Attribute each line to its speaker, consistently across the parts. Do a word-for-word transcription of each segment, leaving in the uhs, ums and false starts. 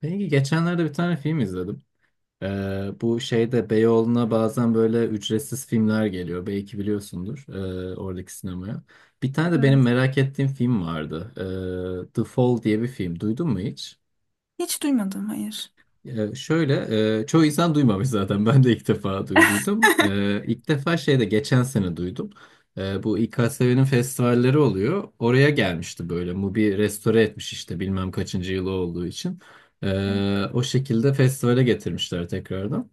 Speaker 1: Peki geçenlerde bir tane film izledim. Ee, bu şeyde Beyoğlu'na bazen böyle ücretsiz filmler geliyor. Belki biliyorsundur ee, oradaki sinemaya. Bir tane de benim
Speaker 2: Evet.
Speaker 1: merak ettiğim film vardı. Ee, The Fall diye bir film. Duydun mu hiç?
Speaker 2: Hiç duymadım, hayır.
Speaker 1: Ee, şöyle, e, Çoğu insan duymamış zaten. Ben de ilk defa duyduydum. Ee, ilk defa şeyde geçen sene duydum. Ee, bu İKSV'nin festivalleri oluyor. Oraya gelmişti böyle. Mubi restore etmiş işte bilmem kaçıncı yılı olduğu için.
Speaker 2: Evet.
Speaker 1: Ee, o şekilde festivale getirmişler tekrardan.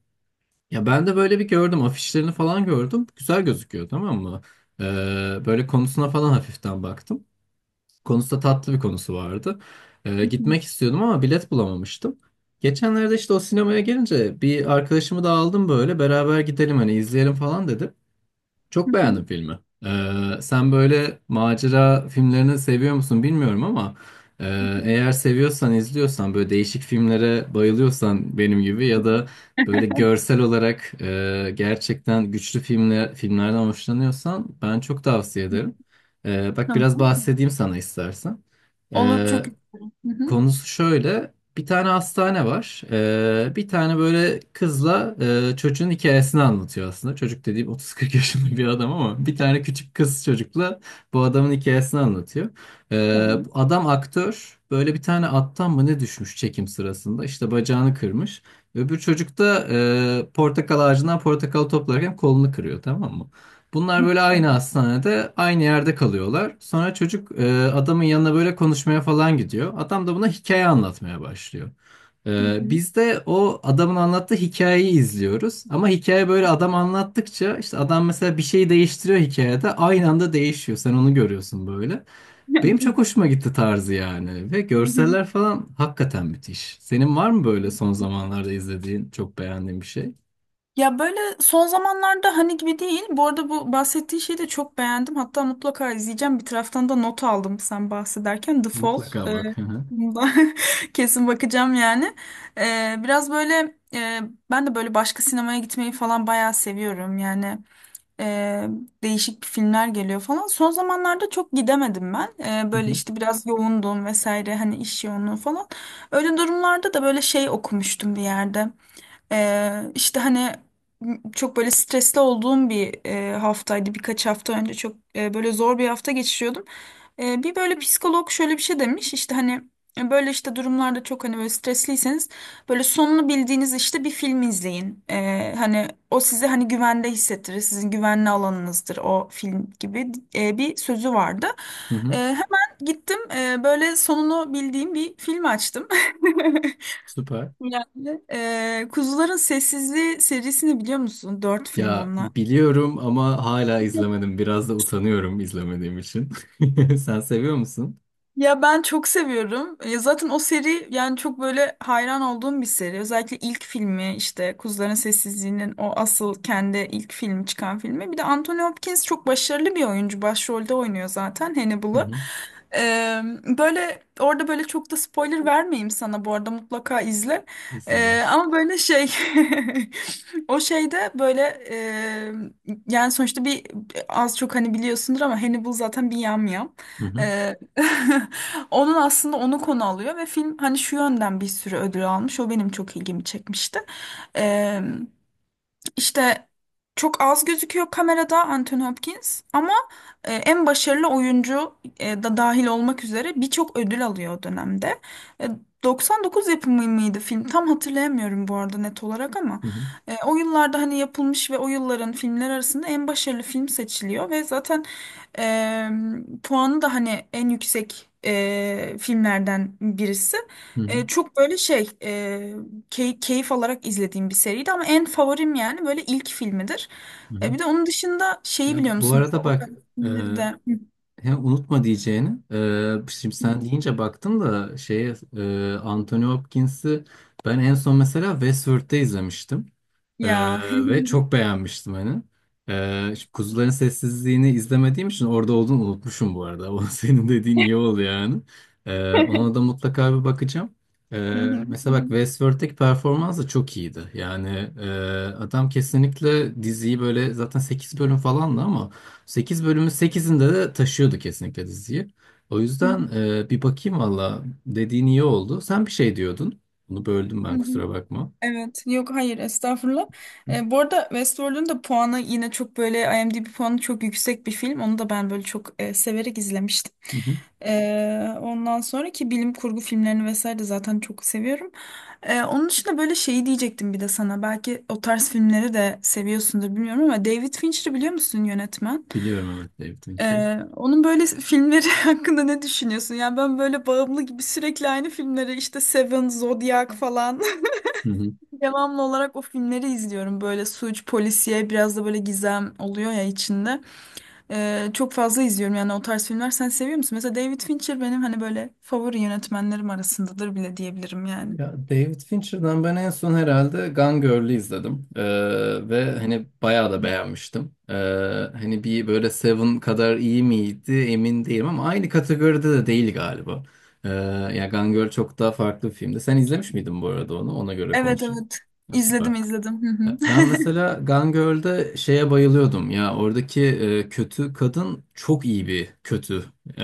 Speaker 1: Ya ben de böyle bir gördüm. Afişlerini falan gördüm. Güzel gözüküyor, tamam mı? Ee, böyle konusuna falan hafiften baktım. Konusu da tatlı bir konusu vardı. Ee,
Speaker 2: Hı hı.
Speaker 1: gitmek istiyordum ama bilet bulamamıştım. Geçenlerde işte o sinemaya gelince bir arkadaşımı da aldım, böyle beraber gidelim hani izleyelim falan dedim.
Speaker 2: Hı
Speaker 1: Çok
Speaker 2: hı.
Speaker 1: beğendim filmi. Ee, sen böyle macera filmlerini seviyor musun bilmiyorum ama
Speaker 2: Hı
Speaker 1: e,
Speaker 2: hı.
Speaker 1: eğer seviyorsan, izliyorsan, böyle değişik filmlere bayılıyorsan benim gibi,
Speaker 2: Hı
Speaker 1: ya
Speaker 2: hı.
Speaker 1: da böyle görsel olarak e, gerçekten güçlü filmler, filmlerden hoşlanıyorsan ben çok tavsiye ederim. Ee, bak biraz
Speaker 2: Tamam.
Speaker 1: bahsedeyim sana istersen.
Speaker 2: Olur çok
Speaker 1: E,
Speaker 2: isterim. Hı hı.
Speaker 1: Konusu şöyle. Bir tane hastane var. Ee, bir tane böyle kızla e, çocuğun hikayesini anlatıyor aslında. Çocuk dediğim otuz kırk yaşında bir adam ama bir tane küçük kız çocukla bu adamın hikayesini anlatıyor. Ee,
Speaker 2: Tamam.
Speaker 1: bu adam aktör. Böyle bir tane attan mı ne düşmüş çekim sırasında. İşte bacağını kırmış. Öbür çocuk da e, portakal ağacından portakal toplarken kolunu kırıyor, tamam mı?
Speaker 2: Hı
Speaker 1: Bunlar böyle aynı hastanede, aynı yerde kalıyorlar. Sonra çocuk e, adamın yanına böyle konuşmaya falan gidiyor. Adam da buna hikaye anlatmaya başlıyor. E,
Speaker 2: hı.
Speaker 1: biz de o adamın anlattığı hikayeyi izliyoruz. Ama hikaye böyle, adam anlattıkça işte adam mesela bir şeyi değiştiriyor hikayede. Aynı anda değişiyor. Sen onu görüyorsun böyle. Benim çok hoşuma gitti tarzı yani. Ve
Speaker 2: Hı hı.
Speaker 1: görseller falan hakikaten müthiş. Senin var mı böyle son zamanlarda izlediğin, çok beğendiğin bir şey?
Speaker 2: Ya böyle son zamanlarda hani gibi değil. Bu arada bu bahsettiği şeyi de çok beğendim. Hatta mutlaka izleyeceğim. Bir taraftan da not aldım sen bahsederken. The Fall.
Speaker 1: Mutlaka
Speaker 2: Ee,
Speaker 1: bak. Hı hı.
Speaker 2: bunda Kesin bakacağım yani. Ee, biraz böyle e, ben de böyle başka sinemaya gitmeyi falan bayağı seviyorum. Yani e, değişik bir filmler geliyor falan. Son zamanlarda çok gidemedim ben. E,
Speaker 1: Hı
Speaker 2: böyle
Speaker 1: hı.
Speaker 2: işte biraz yoğundum vesaire hani iş yoğunluğu falan. Öyle durumlarda da böyle şey okumuştum bir yerde. E, işte hani m- çok böyle stresli olduğum bir e, haftaydı, birkaç hafta önce çok e, böyle zor bir hafta geçiriyordum. Ee, bir böyle psikolog şöyle bir şey demiş işte hani e, böyle işte durumlarda çok hani böyle stresliyseniz böyle sonunu bildiğiniz işte bir film izleyin. Ee, hani o sizi hani güvende hissettirir. Sizin güvenli alanınızdır o film gibi e, bir sözü vardı.
Speaker 1: Hı
Speaker 2: Ee,
Speaker 1: hı.
Speaker 2: hemen gittim e, böyle sonunu bildiğim bir film açtım.
Speaker 1: Süper.
Speaker 2: Yani e, Kuzuların Sessizliği serisini biliyor musun? Dört film
Speaker 1: Ya
Speaker 2: onunla.
Speaker 1: biliyorum ama hala izlemedim. Biraz da utanıyorum izlemediğim için. Sen seviyor musun?
Speaker 2: Ya ben çok seviyorum. Ya zaten o seri yani çok böyle hayran olduğum bir seri. Özellikle ilk filmi, işte Kuzuların Sessizliği'nin o asıl kendi ilk filmi, çıkan filmi. Bir de Anthony Hopkins çok başarılı bir oyuncu. Başrolde oynuyor zaten
Speaker 1: Hı
Speaker 2: Hannibal'ı.
Speaker 1: hı.
Speaker 2: Ee, böyle orada böyle çok da spoiler vermeyeyim sana, bu arada mutlaka izle. Ee,
Speaker 1: İzleyeceğim.
Speaker 2: ama böyle şey o şeyde böyle e, yani sonuçta bir az çok hani biliyorsundur ama Hannibal zaten bir yamyam.
Speaker 1: Hı hı.
Speaker 2: Ee, Onun aslında onu konu alıyor ve film hani şu yönden bir sürü ödül almış. O benim çok ilgimi çekmişti. İşte çok az gözüküyor kamerada Anthony Hopkins ama e, en başarılı oyuncu e, da dahil olmak üzere birçok ödül alıyor o dönemde. E, doksan dokuz yapımı mıydı film? Tam hatırlayamıyorum bu arada, net olarak ama
Speaker 1: Hı hı.
Speaker 2: e, o yıllarda hani yapılmış ve o yılların filmler arasında en başarılı film seçiliyor ve zaten e, puanı da hani en yüksek e, filmlerden birisi.
Speaker 1: Hı hı.
Speaker 2: E, çok böyle şey, e, key- keyif alarak izlediğim bir seriydi ama en favorim yani böyle ilk filmidir.
Speaker 1: Hı
Speaker 2: E,
Speaker 1: hı.
Speaker 2: bir de onun dışında şeyi
Speaker 1: Ya
Speaker 2: biliyor
Speaker 1: bu
Speaker 2: musun, mesela
Speaker 1: arada
Speaker 2: o
Speaker 1: bak,
Speaker 2: tarz
Speaker 1: e,
Speaker 2: filmleri de
Speaker 1: He, unutma diyeceğini. Ee, şimdi sen deyince baktım da şeye, e, Anthony Hopkins'i ben en son mesela Westworld'da izlemiştim.
Speaker 2: ya
Speaker 1: Ee, ve çok beğenmiştim hani. Ee, şimdi Kuzuların Sessizliğini izlemediğim için orada olduğunu unutmuşum bu arada. O senin dediğin iyi oldu yani. Ee, ona da mutlaka bir bakacağım. Ee, mesela bak, Westworld'deki performans da çok iyiydi. Yani e, adam kesinlikle diziyi böyle, zaten sekiz bölüm falandı ama sekiz bölümün sekizinde de taşıyordu kesinlikle diziyi. O yüzden e, bir bakayım, valla dediğin iyi oldu. Sen bir şey diyordun. Bunu böldüm ben, kusura bakma.
Speaker 2: Evet, yok hayır, estağfurullah.
Speaker 1: Hı
Speaker 2: E, bu arada Westworld'un da puanı yine çok böyle, IMDb puanı çok yüksek bir film. Onu da ben böyle çok e, severek izlemiştim.
Speaker 1: hı.
Speaker 2: E, ondan sonra ki bilim kurgu filmlerini vesaire de zaten çok seviyorum. E, onun dışında böyle şeyi diyecektim bir de sana. Belki o tarz filmleri de seviyorsundur bilmiyorum ama, David Fincher'ı biliyor musun, yönetmen?
Speaker 1: Biliyorum evet, David Fincher.
Speaker 2: E, onun böyle filmleri hakkında ne düşünüyorsun? Yani ben böyle bağımlı gibi sürekli aynı filmleri işte, Seven, Zodiac falan
Speaker 1: Hı hı.
Speaker 2: devamlı olarak o filmleri izliyorum. Böyle suç, polisiye, biraz da böyle gizem oluyor ya içinde. Ee, çok fazla izliyorum yani o tarz filmler. Sen seviyor musun? Mesela David Fincher benim hani böyle favori yönetmenlerim arasındadır bile diyebilirim yani.
Speaker 1: Ya David Fincher'dan ben en son herhalde Gone Girl'ü izledim. Ee, ve hani bayağı da beğenmiştim. Ee, hani bir böyle Seven kadar iyi miydi emin değilim ama aynı kategoride de değil galiba. Ee, Ya Gone Girl çok daha farklı bir filmdi. Sen izlemiş miydin bu arada onu? Ona göre
Speaker 2: Evet,
Speaker 1: konuşayım.
Speaker 2: evet.
Speaker 1: Ha, süper.
Speaker 2: İzledim, izledim. Hı hı.
Speaker 1: Ya ben mesela Gone Girl'de şeye bayılıyordum ya, oradaki e, kötü kadın çok iyi bir kötü. E,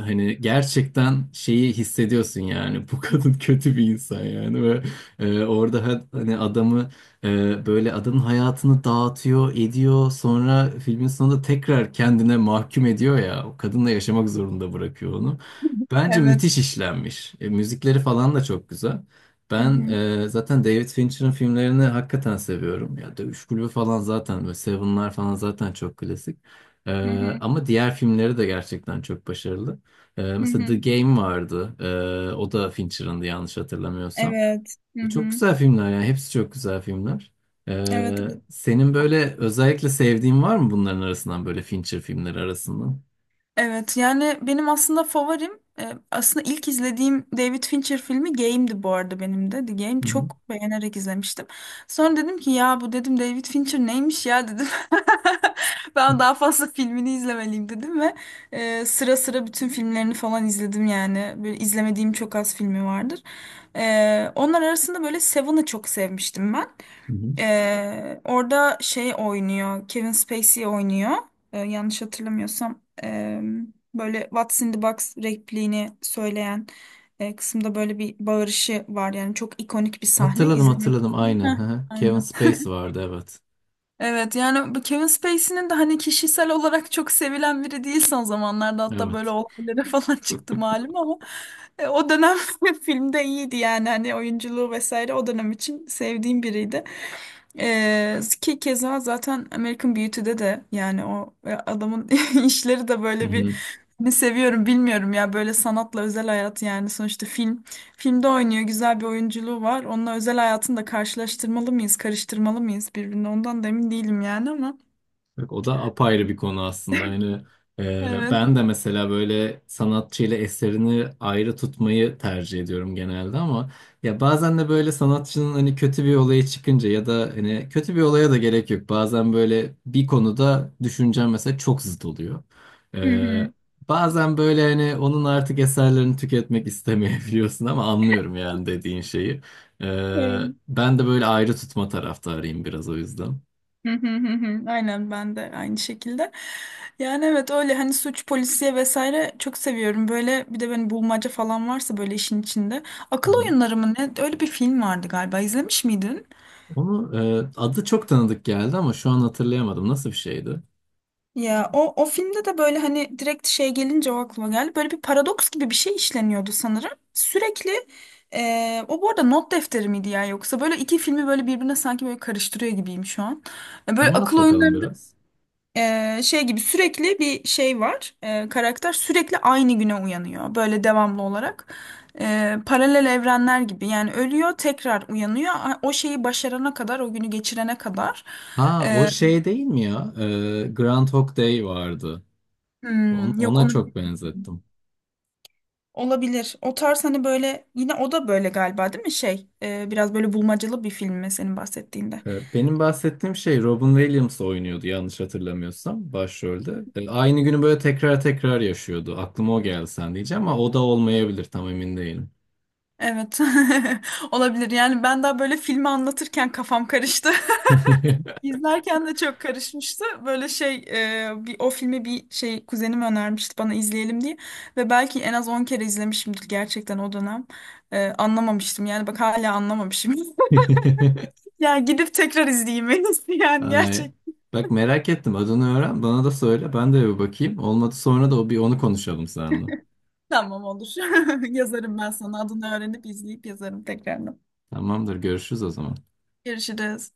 Speaker 1: Hani gerçekten şeyi hissediyorsun yani, bu kadın kötü bir insan yani. Ve e, orada ha- hani adamı, e, böyle adamın hayatını dağıtıyor ediyor, sonra filmin sonunda tekrar kendine mahkum ediyor ya, o kadınla yaşamak zorunda bırakıyor onu. Bence
Speaker 2: Evet.
Speaker 1: müthiş işlenmiş. E, müzikleri falan da çok güzel.
Speaker 2: Hı
Speaker 1: Ben
Speaker 2: hı.
Speaker 1: e, zaten David Fincher'ın filmlerini hakikaten seviyorum. Ya Dövüş Kulübü falan, zaten böyle Seven'lar falan zaten çok klasik. E,
Speaker 2: Hı hı.
Speaker 1: Ama diğer filmleri de gerçekten çok başarılı. E,
Speaker 2: Hı
Speaker 1: mesela
Speaker 2: hı.
Speaker 1: The Game vardı. E, o da Fincher'ındı yanlış hatırlamıyorsam.
Speaker 2: Evet. Hı
Speaker 1: E, çok
Speaker 2: hı.
Speaker 1: güzel filmler yani, hepsi çok güzel filmler.
Speaker 2: Evet. evet.
Speaker 1: E, senin böyle özellikle sevdiğin var mı bunların arasından, böyle Fincher filmleri arasından?
Speaker 2: Evet, yani benim aslında favorim, e, aslında ilk izlediğim David Fincher filmi Game'di, bu arada benim de. The Game
Speaker 1: Hı hı.
Speaker 2: çok beğenerek izlemiştim. Sonra dedim ki, ya bu dedim, David Fincher neymiş ya, dedim. Ben daha fazla filmini izlemeliyim dedim ve e, sıra sıra bütün filmlerini falan izledim yani. Böyle izlemediğim çok az filmi vardır. E, onlar arasında böyle Seven'ı çok sevmiştim ben.
Speaker 1: Hı hı.
Speaker 2: E, orada şey oynuyor, Kevin Spacey oynuyor, e, yanlış hatırlamıyorsam, e, böyle What's in the box repliğini söyleyen e, kısımda böyle bir bağırışı var. Yani çok ikonik bir sahne.
Speaker 1: Hatırladım
Speaker 2: İzlemek.
Speaker 1: hatırladım, aynen.
Speaker 2: Heh,
Speaker 1: Hı hı. Kevin
Speaker 2: aynen.
Speaker 1: Spacey vardı, evet.
Speaker 2: Evet, yani bu Kevin Spacey'nin de hani kişisel olarak çok sevilen biri değil son zamanlarda, hatta böyle
Speaker 1: Evet.
Speaker 2: olaylara falan çıktı malum ama e, o dönem filmde iyiydi yani, hani oyunculuğu vesaire, o dönem için sevdiğim biriydi. E, ki keza zaten American Beauty'de de yani o e, adamın işleri de
Speaker 1: Hı
Speaker 2: böyle bir
Speaker 1: hı.
Speaker 2: ne seviyorum bilmiyorum ya, böyle sanatla özel hayat yani, sonuçta film. Filmde oynuyor, güzel bir oyunculuğu var. Onunla özel hayatını da karşılaştırmalı mıyız, karıştırmalı mıyız birbirine? Ondan da emin değilim yani ama.
Speaker 1: Yok, o da apayrı bir konu aslında. Yani e,
Speaker 2: Evet.
Speaker 1: ben de mesela böyle sanatçıyla eserini ayrı tutmayı tercih ediyorum genelde ama ya bazen de böyle sanatçının hani kötü bir olaya çıkınca ya da hani kötü bir olaya da gerek yok. Bazen böyle bir konuda düşüncem mesela çok zıt oluyor.
Speaker 2: Hı
Speaker 1: E,
Speaker 2: hı.
Speaker 1: Bazen böyle hani onun artık eserlerini tüketmek istemeyebiliyorsun ama anlıyorum yani dediğin şeyi. E,
Speaker 2: Evet.
Speaker 1: Ben de böyle ayrı tutma taraftarıyım biraz o yüzden.
Speaker 2: Hı hı, hı hı. Aynen, ben de aynı şekilde. Yani evet, öyle hani suç, polisiye vesaire çok seviyorum. Böyle bir de benim bulmaca falan varsa böyle işin içinde. Akıl oyunları mı ne? Öyle bir film vardı galiba. İzlemiş miydin?
Speaker 1: Onu e, adı çok tanıdık geldi ama şu an hatırlayamadım. Nasıl bir şeydi?
Speaker 2: Ya o o filmde de böyle hani direkt şey gelince o aklıma geldi. Böyle bir paradoks gibi bir şey işleniyordu sanırım. Sürekli e, o, bu arada, not defteri miydi ya, yoksa böyle iki filmi böyle birbirine sanki böyle karıştırıyor gibiyim şu an. E, Böyle
Speaker 1: Anlat
Speaker 2: akıl
Speaker 1: bakalım
Speaker 2: oyunlarında
Speaker 1: biraz.
Speaker 2: e, şey gibi sürekli bir şey var. E, karakter sürekli aynı güne uyanıyor böyle, devamlı olarak. E, paralel evrenler gibi yani, ölüyor tekrar uyanıyor. O şeyi başarana kadar, o günü geçirene kadar.
Speaker 1: Ha o
Speaker 2: E,
Speaker 1: şey değil mi ya? E, Groundhog Day vardı. On-
Speaker 2: hmm, yok,
Speaker 1: ona
Speaker 2: onu.
Speaker 1: çok benzettim.
Speaker 2: Olabilir. O tarz hani böyle, yine o da böyle galiba değil mi şey? E, biraz böyle bulmacalı bir film mi senin bahsettiğinde?
Speaker 1: E, benim bahsettiğim şey Robin Williams oynuyordu yanlış hatırlamıyorsam başrolde. E, aynı günü böyle tekrar tekrar yaşıyordu. Aklıma o geldi sen diyeceğim ama o da olmayabilir, tam emin değilim.
Speaker 2: Evet. Olabilir. Yani ben daha böyle filmi anlatırken kafam karıştı. İzlerken de çok karışmıştı. Böyle şey, e, bir o filmi bir şey kuzenim önermişti bana, izleyelim diye ve belki en az on kere izlemişimdir gerçekten o dönem. E, anlamamıştım. Yani bak, hala anlamamışım. Ya gidip tekrar izleyeyim en iyisi yani,
Speaker 1: Ay.
Speaker 2: gerçekten.
Speaker 1: Bak merak ettim, adını öğren bana da söyle, ben de bir bakayım. Olmadı sonra da o bir onu konuşalım seninle.
Speaker 2: Tamam, olur. Yazarım ben sana, adını öğrenip izleyip yazarım tekrarını.
Speaker 1: Tamamdır. Görüşürüz o zaman.
Speaker 2: Görüşürüz.